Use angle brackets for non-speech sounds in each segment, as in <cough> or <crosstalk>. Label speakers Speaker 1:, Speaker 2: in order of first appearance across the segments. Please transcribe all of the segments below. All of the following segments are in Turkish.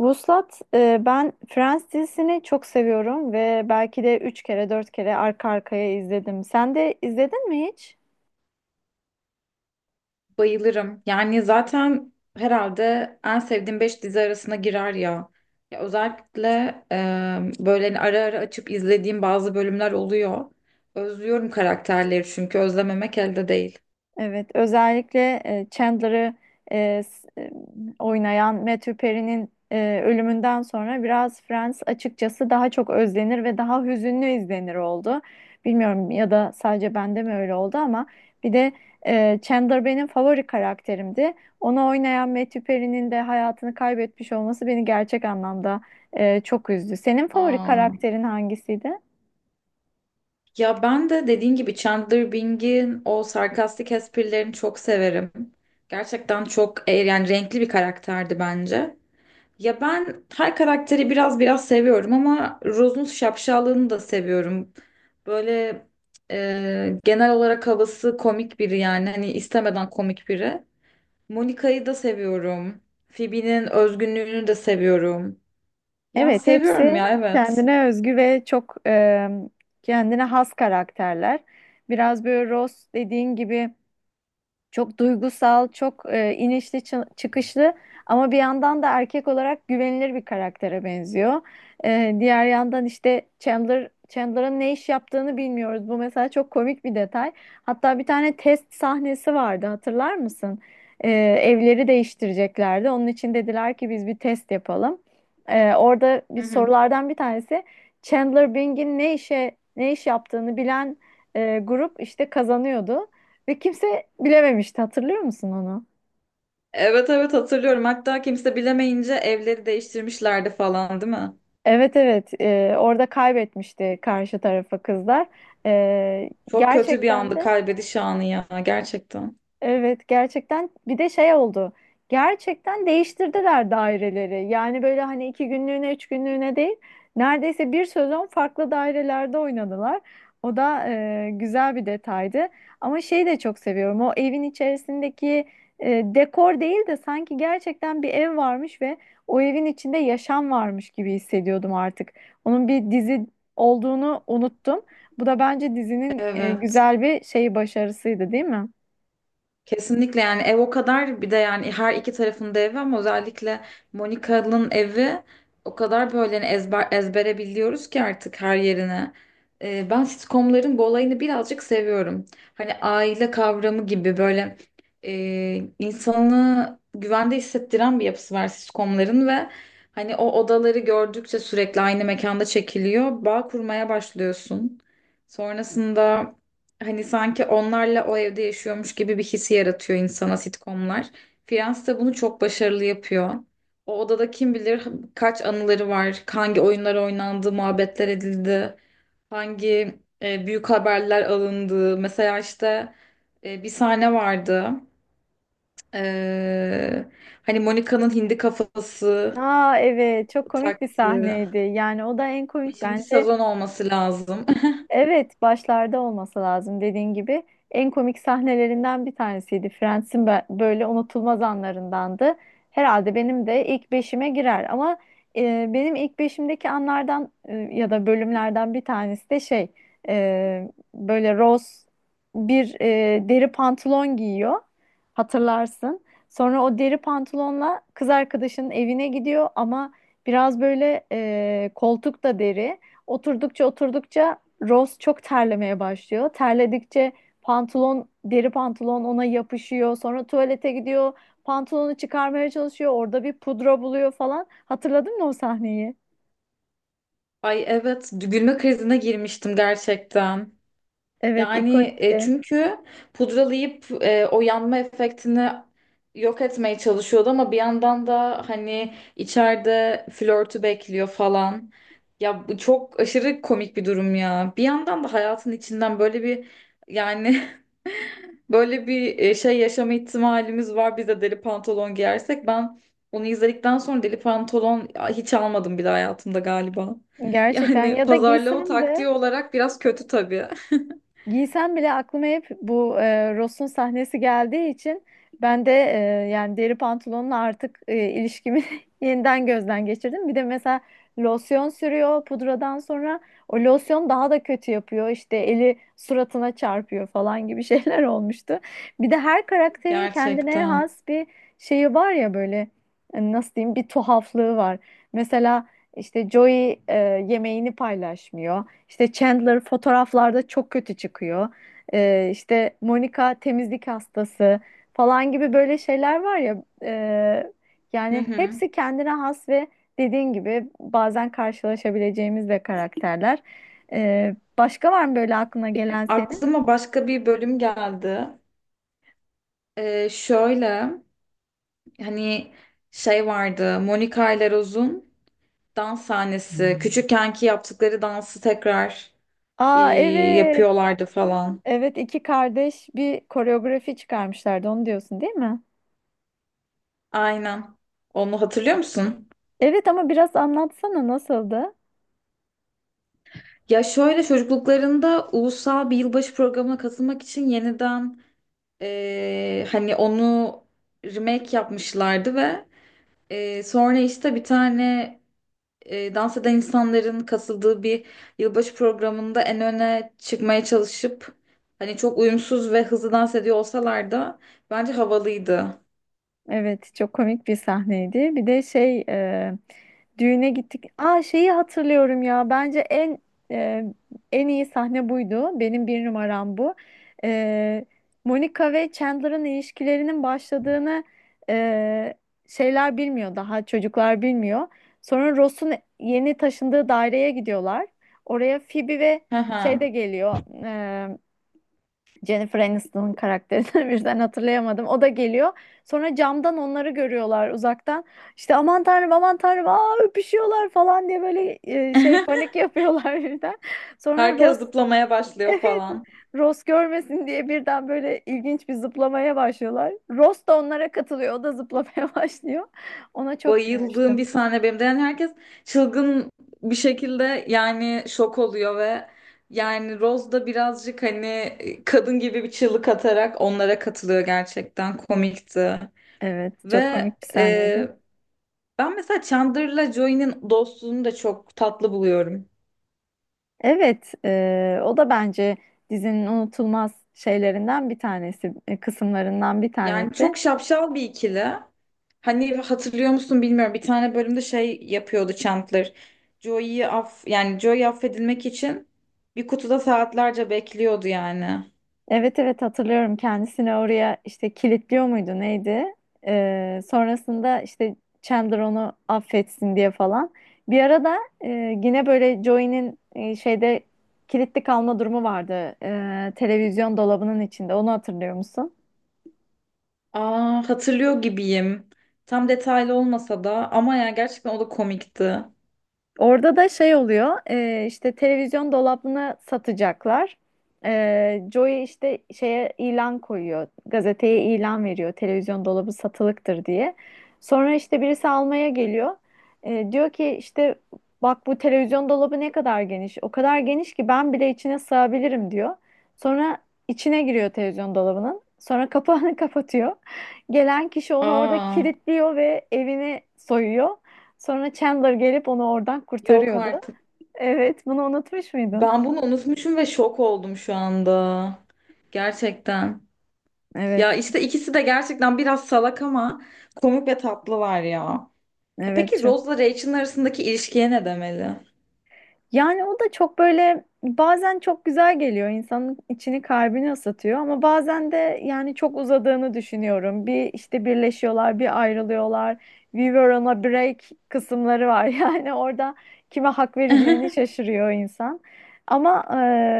Speaker 1: Vuslat, ben Friends dizisini çok seviyorum ve belki de 3 kere 4 kere arka arkaya izledim. Sen de izledin mi hiç?
Speaker 2: Bayılırım. Yani zaten herhalde en sevdiğim 5 dizi arasına girer ya. Ya özellikle böyle hani ara ara açıp izlediğim bazı bölümler oluyor. Özlüyorum karakterleri çünkü özlememek elde değil.
Speaker 1: Evet, özellikle Chandler'ı e, s- e, oynayan Matthew Perry'nin ölümünden sonra biraz Friends açıkçası daha çok özlenir ve daha hüzünlü izlenir oldu. Bilmiyorum ya da sadece bende mi öyle oldu ama bir de Chandler benim favori karakterimdi. Onu oynayan Matthew Perry'nin de hayatını kaybetmiş olması beni gerçek anlamda çok üzdü. Senin favori
Speaker 2: Aa,
Speaker 1: karakterin hangisiydi?
Speaker 2: ya ben de dediğin gibi Chandler Bing'in o sarkastik esprilerini çok severim. Gerçekten çok yani renkli bir karakterdi bence. Ya ben her karakteri biraz biraz seviyorum ama Rose'un şapşallığını da seviyorum. Böyle genel olarak havası komik biri yani hani istemeden komik biri. Monica'yı da seviyorum. Phoebe'nin özgünlüğünü de seviyorum. Ya
Speaker 1: Evet, hepsi
Speaker 2: seviyorum ya evet.
Speaker 1: kendine özgü ve çok kendine has karakterler. Biraz böyle Ross dediğin gibi çok duygusal, çok inişli çıkışlı ama bir yandan da erkek olarak güvenilir bir karaktere benziyor. Diğer yandan işte Chandler'ın ne iş yaptığını bilmiyoruz. Bu mesela çok komik bir detay. Hatta bir tane test sahnesi vardı, hatırlar mısın? E, Evleri değiştireceklerdi. Onun için dediler ki biz bir test yapalım. Orada
Speaker 2: Hı
Speaker 1: bir
Speaker 2: hı.
Speaker 1: sorulardan bir tanesi Chandler Bing'in ne iş yaptığını bilen grup işte kazanıyordu. Ve kimse bilememişti, hatırlıyor musun onu?
Speaker 2: Evet, evet, hatırlıyorum. Hatta kimse bilemeyince evleri değiştirmişlerdi falan, değil mi?
Speaker 1: Evet, evet. Orada kaybetmişti karşı tarafa kızlar. Ee,
Speaker 2: Çok kötü bir
Speaker 1: Gerçekten
Speaker 2: andı
Speaker 1: de
Speaker 2: kaybediş anı ya, gerçekten.
Speaker 1: evet, gerçekten bir de şey oldu. Gerçekten değiştirdiler daireleri. Yani böyle hani iki günlüğüne, üç günlüğüne değil. Neredeyse bir sezon farklı dairelerde oynadılar. O da güzel bir detaydı. Ama şeyi de çok seviyorum. O evin içerisindeki dekor değil de sanki gerçekten bir ev varmış ve o evin içinde yaşam varmış gibi hissediyordum artık. Onun bir dizi olduğunu unuttum. Bu da bence dizinin
Speaker 2: Evet.
Speaker 1: güzel bir şeyi başarısıydı, değil mi?
Speaker 2: Kesinlikle, yani ev o kadar, bir de yani her iki tarafında evi ama özellikle Monika'nın evi o kadar böyle hani ezbere biliyoruz ki artık her yerine. Ben sitcomların bu olayını birazcık seviyorum. Hani aile kavramı gibi böyle insanı güvende hissettiren bir yapısı var sitcomların ve hani o odaları gördükçe sürekli aynı mekanda çekiliyor. Bağ kurmaya başlıyorsun. Sonrasında hani sanki onlarla o evde yaşıyormuş gibi bir hissi yaratıyor insana sitcomlar. Friends de bunu çok başarılı yapıyor. O odada kim bilir kaç anıları var, hangi oyunlar oynandı, muhabbetler edildi, hangi büyük haberler alındı. Mesela işte bir sahne vardı. E, Hani Monica'nın hindi kafası
Speaker 1: Aa evet, çok komik bir
Speaker 2: taktığı.
Speaker 1: sahneydi. Yani o da en komik
Speaker 2: Beşinci
Speaker 1: bence.
Speaker 2: sezon olması lazım.
Speaker 1: Evet, başlarda olması lazım dediğin gibi. En komik sahnelerinden bir tanesiydi. Friends'in böyle unutulmaz anlarındandı. Herhalde benim de ilk beşime girer ama benim ilk beşimdeki anlardan ya da bölümlerden bir tanesi de e, böyle Rose bir deri pantolon giyiyor, hatırlarsın. Sonra o deri pantolonla kız arkadaşının evine gidiyor ama biraz böyle koltuk da deri. Oturdukça Rose çok terlemeye başlıyor. Terledikçe deri pantolon ona yapışıyor. Sonra tuvalete gidiyor. Pantolonu çıkarmaya çalışıyor. Orada bir pudra buluyor falan. Hatırladın mı o sahneyi?
Speaker 2: <laughs> Ay evet, gülme krizine girmiştim gerçekten.
Speaker 1: Evet,
Speaker 2: Yani
Speaker 1: ikonikti.
Speaker 2: çünkü pudralayıp o yanma efektini yok etmeye çalışıyordu ama bir yandan da hani içeride flörtü bekliyor falan. Ya bu çok aşırı komik bir durum ya. Bir yandan da hayatın içinden böyle bir yani <laughs> böyle bir şey yaşama ihtimalimiz var. Biz de deli pantolon giyersek ben onu izledikten sonra deli pantolon hiç almadım bile hayatımda galiba.
Speaker 1: Gerçekten,
Speaker 2: Yani
Speaker 1: ya da
Speaker 2: pazarlama
Speaker 1: giysem de
Speaker 2: taktiği olarak biraz kötü tabii.
Speaker 1: giysem bile aklıma hep bu Ross'un sahnesi geldiği için ben de yani deri pantolonla artık ilişkimi <laughs> yeniden gözden geçirdim. Bir de mesela losyon sürüyor pudradan sonra, o losyon daha da kötü yapıyor. İşte eli suratına çarpıyor falan gibi şeyler <laughs> olmuştu. Bir de her
Speaker 2: <laughs>
Speaker 1: karakterin kendine
Speaker 2: Gerçekten.
Speaker 1: has bir şeyi var ya böyle, nasıl diyeyim, bir tuhaflığı var. Mesela işte Joey yemeğini paylaşmıyor. İşte Chandler fotoğraflarda çok kötü çıkıyor. İşte Monica temizlik hastası falan gibi böyle şeyler var ya.
Speaker 2: Hı
Speaker 1: Yani
Speaker 2: hı.
Speaker 1: hepsi kendine has ve dediğin gibi bazen karşılaşabileceğimiz de karakterler. Başka var mı böyle aklına gelen senin?
Speaker 2: Aklıma başka bir bölüm geldi. Şöyle hani şey vardı, Monica ile Rose'un dans sahnesi. Küçükkenki yaptıkları dansı tekrar e,
Speaker 1: Aa evet.
Speaker 2: yapıyorlardı falan.
Speaker 1: Evet, iki kardeş bir koreografi çıkarmışlardı, onu diyorsun değil mi?
Speaker 2: Aynen. Onu hatırlıyor musun?
Speaker 1: Evet, ama biraz anlatsana nasıldı?
Speaker 2: Ya şöyle, çocukluklarında ulusal bir yılbaşı programına katılmak için yeniden hani onu remake yapmışlardı ve sonra işte bir tane dans eden insanların katıldığı bir yılbaşı programında en öne çıkmaya çalışıp hani çok uyumsuz ve hızlı dans ediyor olsalar da bence havalıydı.
Speaker 1: Evet, çok komik bir sahneydi. Bir de düğüne gittik. Aa şeyi hatırlıyorum ya. Bence en e, en iyi sahne buydu. Benim bir numaram bu. E, Monica ve Chandler'ın ilişkilerinin başladığını e, şeyler bilmiyor daha çocuklar bilmiyor. Sonra Ross'un yeni taşındığı daireye gidiyorlar. Oraya Phoebe ve
Speaker 2: Hı hı.
Speaker 1: şey de geliyor. Jennifer Aniston'un karakterini <laughs> birden hatırlayamadım. O da geliyor. Sonra camdan onları görüyorlar uzaktan. İşte aman tanrım, aman tanrım, aa öpüşüyorlar falan diye böyle
Speaker 2: <laughs>
Speaker 1: panik yapıyorlar <laughs> birden. Sonra
Speaker 2: Herkes
Speaker 1: Ross
Speaker 2: zıplamaya
Speaker 1: <laughs>
Speaker 2: başlıyor
Speaker 1: evet,
Speaker 2: falan.
Speaker 1: Ross görmesin diye birden böyle ilginç bir zıplamaya başlıyorlar. Ross da onlara katılıyor. O da zıplamaya <laughs> başlıyor. Ona çok
Speaker 2: Bayıldığım bir
Speaker 1: gülmüştüm.
Speaker 2: sahne benim de. Yani herkes çılgın bir şekilde yani şok oluyor ve yani Rose da birazcık hani kadın gibi bir çığlık atarak onlara katılıyor, gerçekten komikti.
Speaker 1: Evet, çok
Speaker 2: Ve
Speaker 1: komik bir sahneydi.
Speaker 2: ben mesela Chandler'la Joey'nin dostluğunu da çok tatlı buluyorum.
Speaker 1: Evet, o da bence dizinin unutulmaz şeylerinden bir tanesi, kısımlarından bir
Speaker 2: Yani
Speaker 1: tanesi.
Speaker 2: çok şapşal bir ikili. Hani hatırlıyor musun bilmiyorum. Bir tane bölümde şey yapıyordu Chandler. Joey affedilmek için bir kutuda saatlerce bekliyordu yani.
Speaker 1: Evet evet, hatırlıyorum, kendisini oraya işte kilitliyor muydu neydi? Sonrasında işte Chandler onu affetsin diye falan. Bir arada yine böyle Joey'nin şeyde kilitli kalma durumu vardı. Televizyon dolabının içinde, onu hatırlıyor musun?
Speaker 2: Aa, hatırlıyor gibiyim. Tam detaylı olmasa da ama ya gerçekten o da komikti.
Speaker 1: Orada da şey oluyor, işte televizyon dolabını satacaklar. Joey işte şeye ilan koyuyor, gazeteye ilan veriyor, televizyon dolabı satılıktır diye. Sonra işte birisi almaya geliyor. Diyor ki işte bak, bu televizyon dolabı ne kadar geniş, o kadar geniş ki ben bile içine sığabilirim diyor. Sonra içine giriyor televizyon dolabının. Sonra kapağını <laughs> kapatıyor. Gelen kişi onu orada
Speaker 2: Aa,
Speaker 1: kilitliyor ve evini soyuyor. Sonra Chandler gelip onu oradan
Speaker 2: yok
Speaker 1: kurtarıyordu.
Speaker 2: artık.
Speaker 1: Evet, bunu unutmuş muydun?
Speaker 2: Ben bunu unutmuşum ve şok oldum şu anda. Gerçekten. Ya
Speaker 1: Evet,
Speaker 2: işte ikisi de gerçekten biraz salak ama komik ve tatlılar ya. E
Speaker 1: evet,
Speaker 2: peki,
Speaker 1: çok.
Speaker 2: Rose'la Rachel'ın arasındaki ilişkiye ne demeli?
Speaker 1: Yani o da çok böyle, bazen çok güzel geliyor, insanın içini kalbini ısıtıyor ama bazen de yani çok uzadığını düşünüyorum. Bir işte birleşiyorlar, bir ayrılıyorlar. We were on a break kısımları var, <laughs> yani orada kime hak vereceğini
Speaker 2: <laughs>
Speaker 1: şaşırıyor insan. Ama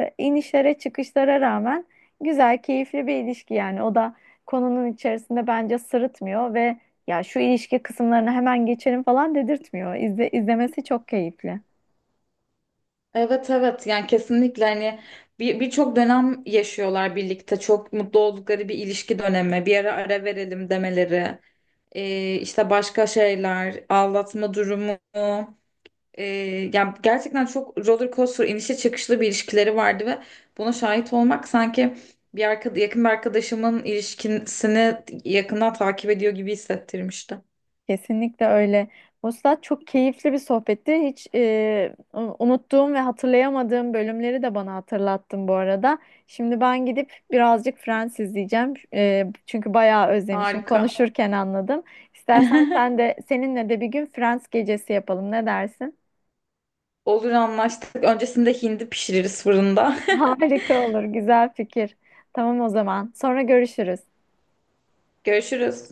Speaker 1: inişlere çıkışlara rağmen güzel, keyifli bir ilişki. Yani o da konunun içerisinde bence sırıtmıyor ve ya şu ilişki kısımlarını hemen geçelim falan dedirtmiyor. İzlemesi çok keyifli.
Speaker 2: Evet, evet, yani kesinlikle hani bir, birçok dönem yaşıyorlar birlikte. Çok mutlu oldukları bir ilişki dönemi. Bir ara ara verelim demeleri. İşte başka şeyler, aldatma durumu. Ee, Yani gerçekten çok roller coaster, inişe çıkışlı bir ilişkileri vardı ve buna şahit olmak sanki yakın bir arkadaşımın ilişkisini yakından takip ediyor gibi hissettirmişti.
Speaker 1: Kesinlikle öyle. Vuslat, çok keyifli bir sohbetti. Hiç unuttuğum ve hatırlayamadığım bölümleri de bana hatırlattın bu arada. Şimdi ben gidip birazcık Friends izleyeceğim. Çünkü bayağı özlemişim,
Speaker 2: Harika.
Speaker 1: konuşurken anladım. İstersen sen
Speaker 2: <laughs>
Speaker 1: de, seninle de bir gün Friends gecesi yapalım, ne dersin?
Speaker 2: Olur, anlaştık. Öncesinde hindi pişiririz fırında.
Speaker 1: Harika olur, güzel fikir. Tamam o zaman, sonra görüşürüz.
Speaker 2: <laughs> Görüşürüz.